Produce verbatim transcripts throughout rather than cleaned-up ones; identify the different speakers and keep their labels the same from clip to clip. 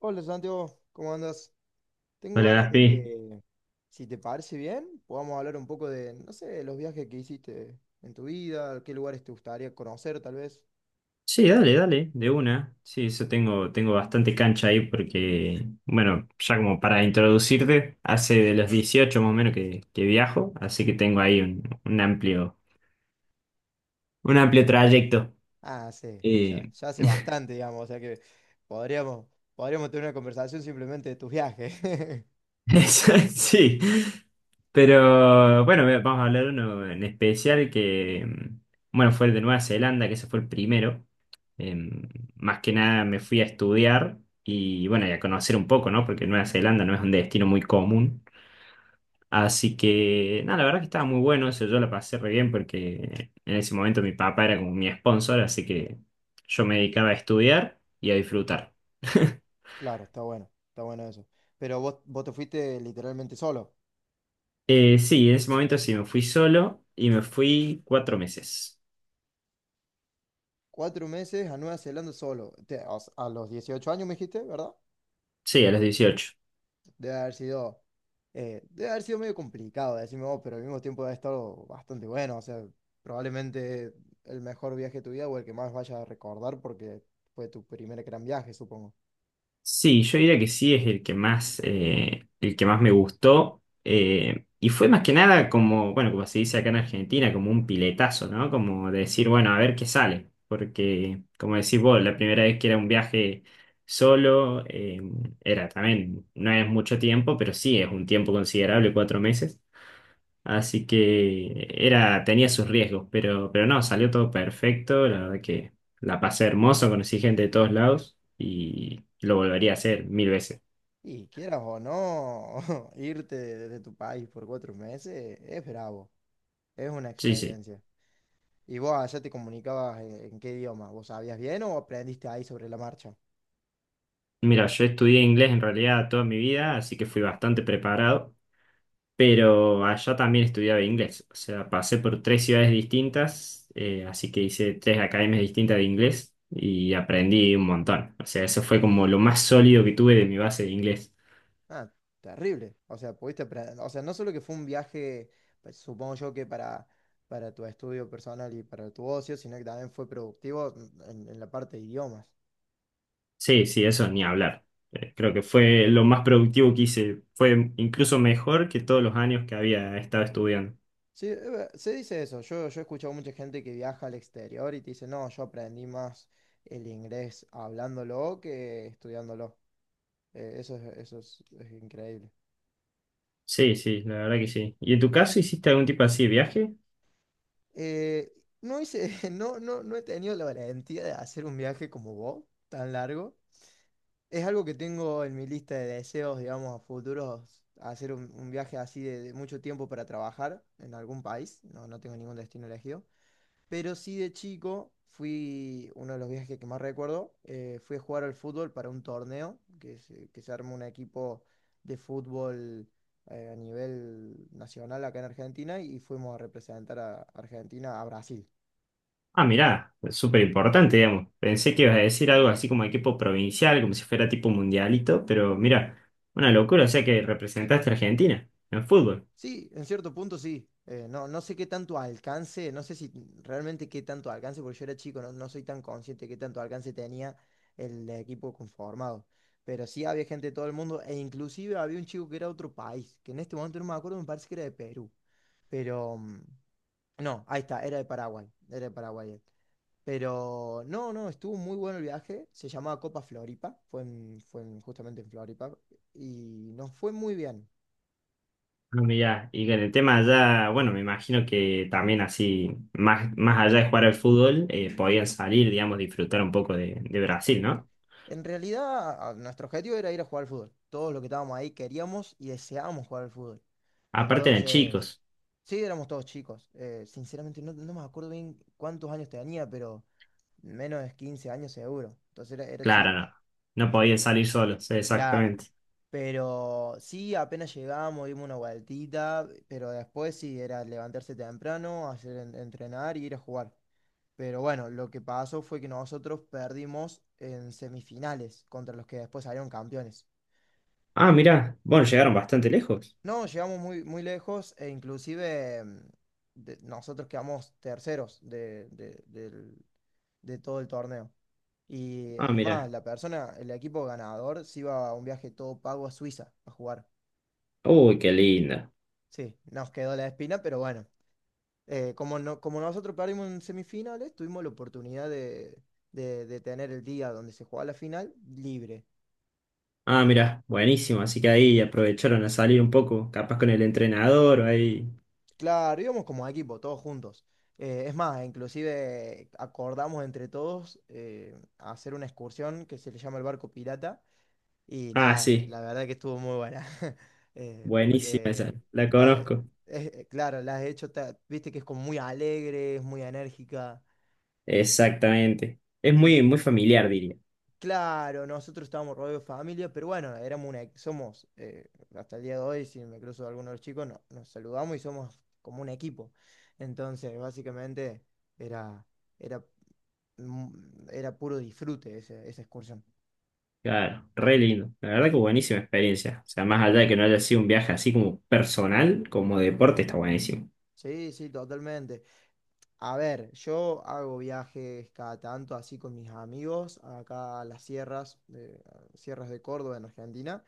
Speaker 1: Hola Santiago, ¿cómo andas? Tengo
Speaker 2: Hola
Speaker 1: ganas de
Speaker 2: Gaspi.
Speaker 1: que, si te parece bien, podamos hablar un poco de, no sé, de los viajes que hiciste en tu vida, qué lugares te gustaría conocer tal vez.
Speaker 2: Sí, dale, dale, de una. Sí, eso tengo, tengo bastante cancha ahí porque, bueno, ya como para introducirte, hace de los dieciocho más o menos que, que viajo, así que tengo ahí un, un amplio, un amplio trayecto.
Speaker 1: Ah, sí, ya,
Speaker 2: Eh,
Speaker 1: ya hace bastante, digamos, o sea que podríamos, podríamos tener una conversación simplemente de tus viajes.
Speaker 2: Sí, pero bueno, ve- vamos a hablar de uno en especial que, mm, bueno, fue el de Nueva Zelanda, que ese fue el primero. Em, más que nada me fui a estudiar y bueno, y a conocer un poco, ¿no? Porque Nueva Zelanda no es un destino muy común. Así que, nada, la verdad que estaba muy bueno, eso yo la pasé re bien porque en ese momento mi papá era como mi sponsor, así que yo me dedicaba a estudiar y a disfrutar.
Speaker 1: Claro, está bueno, está bueno eso. Pero vos, vos te fuiste literalmente solo.
Speaker 2: Eh, sí, en ese momento sí, me fui solo y me fui cuatro meses.
Speaker 1: Cuatro meses a Nueva Zelanda solo. Te- o sea, a los dieciocho años me dijiste, ¿verdad?
Speaker 2: Sí, a los dieciocho.
Speaker 1: Debe haber sido, eh, debe haber sido medio complicado, decime vos, pero al mismo tiempo debe estar bastante bueno. O sea, probablemente el mejor viaje de tu vida o el que más vayas a recordar porque fue tu primer gran viaje, supongo.
Speaker 2: Sí, yo diría que sí es el que más, eh, el que más me gustó. Eh, y fue más que nada como, bueno, como se dice acá en Argentina, como un piletazo, ¿no? Como de decir, bueno, a ver qué sale. Porque, como decís vos, la primera vez que era un viaje solo, eh, era también, no es mucho tiempo, pero sí es un tiempo considerable, cuatro meses. Así que era, tenía sus riesgos, pero, pero no, salió todo perfecto. La verdad que la pasé hermoso, conocí gente de todos lados y lo volvería a hacer mil veces.
Speaker 1: Y quieras o no, irte desde tu país por cuatro meses es bravo, es una
Speaker 2: Sí, sí.
Speaker 1: experiencia. ¿Y vos allá te comunicabas en, en qué idioma? ¿Vos sabías bien o aprendiste ahí sobre la marcha?
Speaker 2: Mira, yo estudié inglés en realidad toda mi vida, así que fui bastante preparado, pero allá también estudiaba inglés. O sea, pasé por tres ciudades distintas, eh, así que hice tres academias distintas de inglés y aprendí un montón. O sea, eso fue como lo más sólido que tuve de mi base de inglés.
Speaker 1: Ah, terrible. O sea, pudiste, pre- o sea, no solo que fue un viaje, pues, supongo yo que para, para tu estudio personal y para tu ocio, sino que también fue productivo en, en la parte de idiomas.
Speaker 2: Sí, sí, eso ni hablar. Eh, Creo que fue lo más productivo que hice. Fue incluso mejor que todos los años que había estado estudiando.
Speaker 1: Sí, es ver- se dice eso. Yo, yo he escuchado mucha gente que viaja al exterior y te dice, no, yo aprendí más el inglés hablándolo que estudiándolo. Eh, eso es, eso es, es increíble.
Speaker 2: Sí, sí, la verdad que sí. ¿Y en tu caso hiciste algún tipo así de viaje?
Speaker 1: Eh, no hice, no, no, no he tenido la valentía de hacer un viaje como vos, tan largo. Es algo que tengo en mi lista de deseos, digamos, a futuros, hacer un, un viaje así de, de mucho tiempo para trabajar en algún país. No, no tengo ningún destino elegido. Pero sí de chico fui, uno de los viajes que más recuerdo, eh, fui a jugar al fútbol para un torneo, que se, que se armó un equipo de fútbol eh, a nivel nacional acá en Argentina y fuimos a representar a Argentina a Brasil.
Speaker 2: Ah, mirá, es súper importante, digamos. Pensé que ibas a decir algo así como equipo provincial, como si fuera tipo mundialito, pero mira, una locura, o sea que representaste a Argentina en fútbol.
Speaker 1: Sí, en cierto punto sí. Eh, no, no sé qué tanto alcance, no sé si realmente qué tanto alcance, porque yo era chico, no, no soy tan consciente de qué tanto alcance tenía el equipo conformado. Pero sí había gente de todo el mundo, e inclusive había un chico que era de otro país, que en este momento no me acuerdo, me parece que era de Perú. Pero mm, no, ahí está, era de Paraguay, era de Paraguay él. Pero no, no, estuvo muy bueno el viaje. Se llamaba Copa Floripa, fue, en- fue en- justamente en Floripa y nos fue muy bien.
Speaker 2: Ah, mirá, y con el tema allá, bueno, me imagino que también así, más, más allá de jugar al fútbol, eh, podían salir, digamos, disfrutar un poco de, de Brasil, ¿no?
Speaker 1: En realidad, a- nuestro objetivo era ir a jugar al fútbol. Todos los que estábamos ahí queríamos y deseábamos jugar al fútbol.
Speaker 2: Aparte eran
Speaker 1: Entonces,
Speaker 2: chicos,
Speaker 1: sí, éramos todos chicos. Eh, sinceramente, no, no me acuerdo bien cuántos años tenía, pero menos de quince años seguro. Entonces era, era
Speaker 2: claro,
Speaker 1: chico.
Speaker 2: no. No podían salir solos,
Speaker 1: Claro.
Speaker 2: exactamente.
Speaker 1: Pero sí, apenas llegamos, dimos una vueltita, pero después sí, era levantarse temprano, hacer en- entrenar y ir a jugar. Pero bueno, lo que pasó fue que nosotros perdimos en semifinales contra los que después salieron campeones.
Speaker 2: Ah, mirá, bueno, llegaron bastante lejos.
Speaker 1: No, llegamos muy, muy lejos e inclusive mm, de- nosotros quedamos terceros de, de- del- de todo el torneo. Y
Speaker 2: Ah,
Speaker 1: es más,
Speaker 2: mirá.
Speaker 1: la persona, el equipo ganador se iba a un viaje todo pago a Suiza a jugar.
Speaker 2: Uy, qué linda.
Speaker 1: Sí, nos quedó la espina, pero bueno, eh, como, no, como nosotros perdimos en semifinales, tuvimos la oportunidad de, de- de tener el día donde se jugaba la final libre.
Speaker 2: Ah, mirá, buenísimo, así que ahí aprovecharon a salir un poco, capaz con el entrenador o ahí.
Speaker 1: Claro, íbamos como equipo, todos juntos. Eh, es más, inclusive acordamos entre todos eh, hacer una excursión que se le llama el barco pirata. Y
Speaker 2: Ah,
Speaker 1: nada,
Speaker 2: sí,
Speaker 1: la verdad que estuvo muy buena. Eh,
Speaker 2: buenísima esa,
Speaker 1: porque,
Speaker 2: la
Speaker 1: está- es-
Speaker 2: conozco.
Speaker 1: eh, claro, la has hecho, ta- viste que es como muy alegre, es muy enérgica.
Speaker 2: Exactamente. Es muy, muy familiar, diría.
Speaker 1: Claro, nosotros estábamos rodeados de familia, pero bueno, éramos una, somos, eh, hasta el día de hoy, si me cruzo a alguno de los chicos, no- nos saludamos y somos como un equipo. Entonces, básicamente era, era, mm, era puro disfrute ese- esa excursión.
Speaker 2: Claro, re lindo. La verdad que buenísima experiencia. O sea, más allá de que no haya sido un viaje así como personal, como deporte, está buenísimo.
Speaker 1: Sí, sí, totalmente. A ver, yo hago viajes cada tanto así con mis amigos acá a las sierras, de, sierras de Córdoba en Argentina.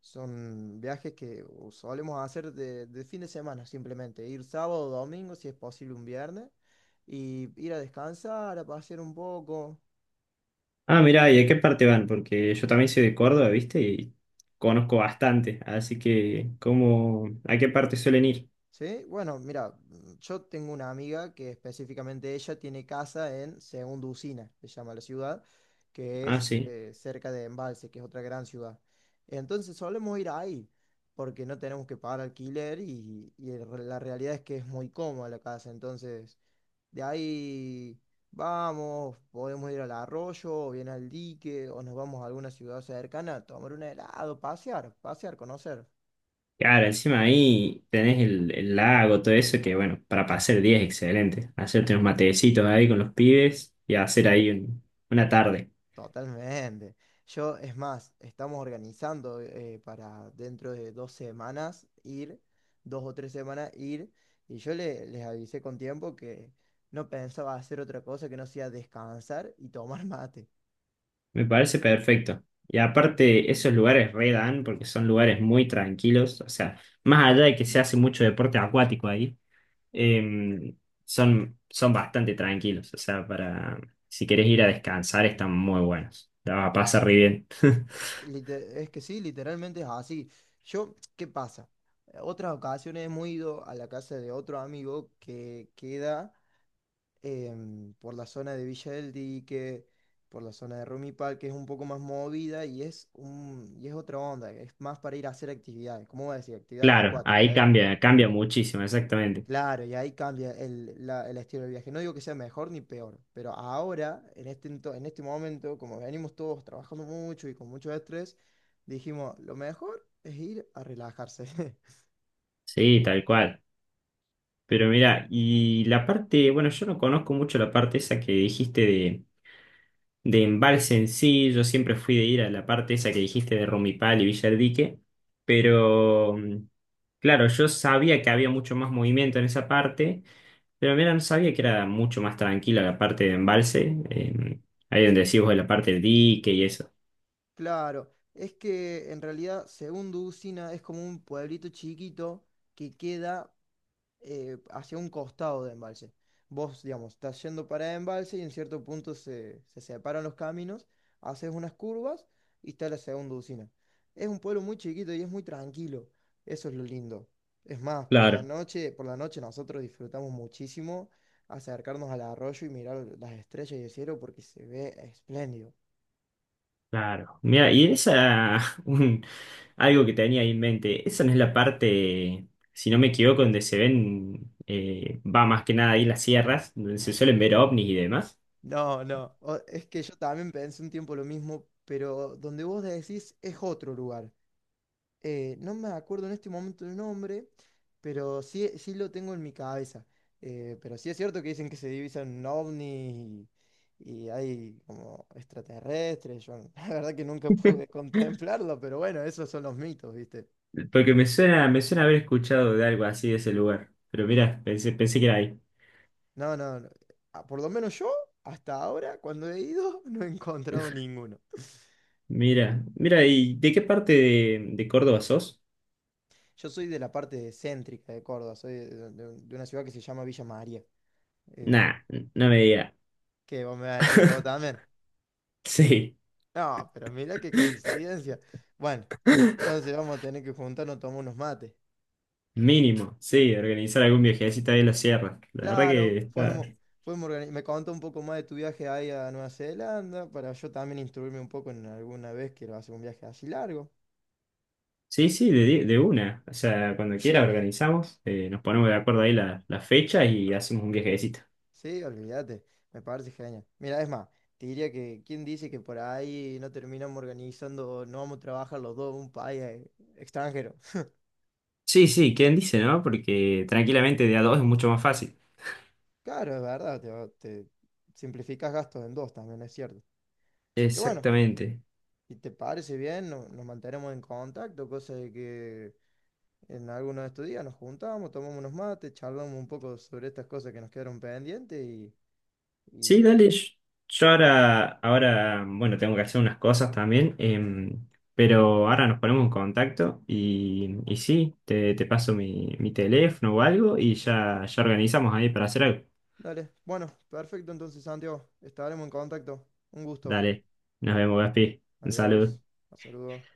Speaker 1: Son viajes que o solemos hacer de, de fin de semana simplemente. Ir sábado, o domingo, si es posible un viernes. Y ir a descansar, a pasear un poco.
Speaker 2: Ah, mirá, ¿y a qué parte van? Porque yo también soy de Córdoba, ¿viste? Y conozco bastante. Así que, ¿cómo, a qué parte suelen ir?
Speaker 1: ¿Sí? Bueno, mira, mm, yo tengo una amiga que específicamente ella tiene casa en Segunda Usina, se llama la ciudad, que
Speaker 2: Ah,
Speaker 1: es
Speaker 2: sí.
Speaker 1: eh, cerca de Embalse, que es otra gran ciudad. Entonces solemos ir ahí, porque no tenemos que pagar alquiler y, y el re- la realidad es que es muy cómoda la casa. Entonces de ahí vamos, podemos ir al arroyo, o bien al dique, o nos vamos a alguna ciudad cercana a tomar un helado, pasear, pasear, conocer.
Speaker 2: Claro, encima ahí tenés el, el lago, todo eso, que bueno, para pasar el día es excelente. Hacerte unos matecitos ahí con los pibes y hacer ahí un- una tarde.
Speaker 1: Totalmente. Yo, es más, estamos organizando eh, para dentro de dos semanas ir, dos o tres semanas ir, y yo le- les avisé con tiempo que no pensaba hacer otra cosa que no sea descansar y tomar mate.
Speaker 2: Me parece perfecto. Y aparte, esos lugares re dan porque son lugares muy tranquilos. O sea, más allá de que se hace mucho deporte acuático ahí, em, son, son bastante tranquilos. O sea, para si querés ir a descansar, están muy buenos. La vas a pasar re bien.
Speaker 1: Lite- Es que sí, literalmente es así. Yo, ¿qué pasa? Eh, Otras ocasiones hemos ido a la casa de otro amigo que queda em, por la zona de Villa del Dique, por la zona de Rumipal, que es un poco más movida y es un, y es otra onda, es más para ir a hacer actividades, ¿cómo voy a decir? Actividades
Speaker 2: Claro,
Speaker 1: acuáticas.
Speaker 2: ahí
Speaker 1: Él
Speaker 2: cambia, cambia muchísimo, exactamente.
Speaker 1: claro, y ahí cambia el, la- el estilo del viaje. No digo que sea mejor ni peor, pero ahora, en este, ento- en este momento, como venimos todos trabajando mucho y con mucho estrés, dijimos, lo mejor es ir a relajarse.
Speaker 2: Sí, tal cual. Pero mira, y la parte, bueno, yo no conozco mucho la parte esa que dijiste de embalse en sí, yo siempre fui de ir a la parte esa que dijiste de Romipal y Villa del Dique, pero mm, claro, yo sabía que había mucho más movimiento en esa parte, pero mira, no sabía que era mucho más tranquila la parte de embalse, eh, ahí donde decís vos de la parte del dique y eso.
Speaker 1: Claro, es que en realidad, según Ducina, es como un pueblito chiquito que queda eh, hacia un costado de embalse. Vos, digamos, estás yendo para embalse y en cierto punto se, se separan los caminos, haces unas curvas y está la segunda usina. Es un pueblo muy chiquito y es muy tranquilo. Eso es lo lindo. Es más, por la
Speaker 2: Claro.
Speaker 1: noche, por la noche nosotros disfrutamos muchísimo acercarnos al arroyo y mirar las estrellas y el cielo porque se ve espléndido.
Speaker 2: Claro, mira, y esa, un- algo que tenía ahí en mente, esa no es la parte, si no me equivoco, donde se ven, eh, va más que nada ahí las sierras, donde se suelen ver ovnis y demás.
Speaker 1: No, no, o- es que yo también pensé un tiempo lo mismo, pero donde vos decís es otro lugar. Eh, no me acuerdo en este momento el nombre, pero sí, sí lo tengo en mi cabeza. Eh, pero sí es cierto que dicen que se divisan ovnis y, y hay como extraterrestres. Yo la verdad que nunca pude contemplarlo, pero bueno, esos son los mitos, ¿viste?
Speaker 2: Porque me suena, me suena haber escuchado de algo así de ese lugar. Pero mira, pensé, pensé que era ahí.
Speaker 1: No, no, no. Ah, por lo menos yo, hasta ahora, cuando he ido, no he encontrado ninguno.
Speaker 2: Mira, mira, ¿y de qué parte de, de Córdoba sos?
Speaker 1: Yo soy de la parte céntrica de Córdoba, soy de, de- de una ciudad que se llama Villa María. Em,
Speaker 2: Nah, no me diga.
Speaker 1: ¿qué vos me vas a decir que vos también?
Speaker 2: Sí,
Speaker 1: No, pero mira qué coincidencia. Bueno, entonces vamos a tener que juntarnos a tomar unos mates.
Speaker 2: mínimo, sí, organizar algún viajecito ahí en la sierra. La verdad
Speaker 1: Claro,
Speaker 2: que está.
Speaker 1: podemos, podemos organizar. Me contó un poco más de tu viaje ahí a Nueva Zelanda para yo también instruirme un poco en alguna vez que hacer un viaje así largo.
Speaker 2: Sí, sí, de, di- de una. O sea, cuando quiera organizamos, eh, nos ponemos de acuerdo ahí la, la fecha y hacemos un viajecito.
Speaker 1: Sí, olvídate, me parece genial. Mira, es más, te diría que ¿quién dice que por ahí no terminamos organizando, no vamos a trabajar los dos en un país eh, extranjero?
Speaker 2: Sí, sí, ¿quién dice, no? Porque tranquilamente de a dos es mucho más fácil.
Speaker 1: Claro, es verdad, te, va- te simplificas gastos en dos también, es cierto. Pero bueno,
Speaker 2: Exactamente.
Speaker 1: ¿y te parece bien? No- nos mantenemos en contacto, cosa de que en alguno de estos días nos juntamos, tomamos unos mates, charlamos un poco sobre estas cosas que nos quedaron pendientes y,
Speaker 2: Sí,
Speaker 1: y...
Speaker 2: dale. Yo yo ahora, ahora, bueno, tengo que hacer unas cosas también, em, pero ahora nos ponemos en contacto y, y sí, te, te paso mi, mi teléfono o algo y ya, ya organizamos ahí para hacer algo.
Speaker 1: Dale. Bueno, perfecto entonces, Santiago. Estaremos en contacto. Un gusto.
Speaker 2: Dale, nos vemos, Gaspi. Un
Speaker 1: Adiós.
Speaker 2: saludo.
Speaker 1: Un saludo.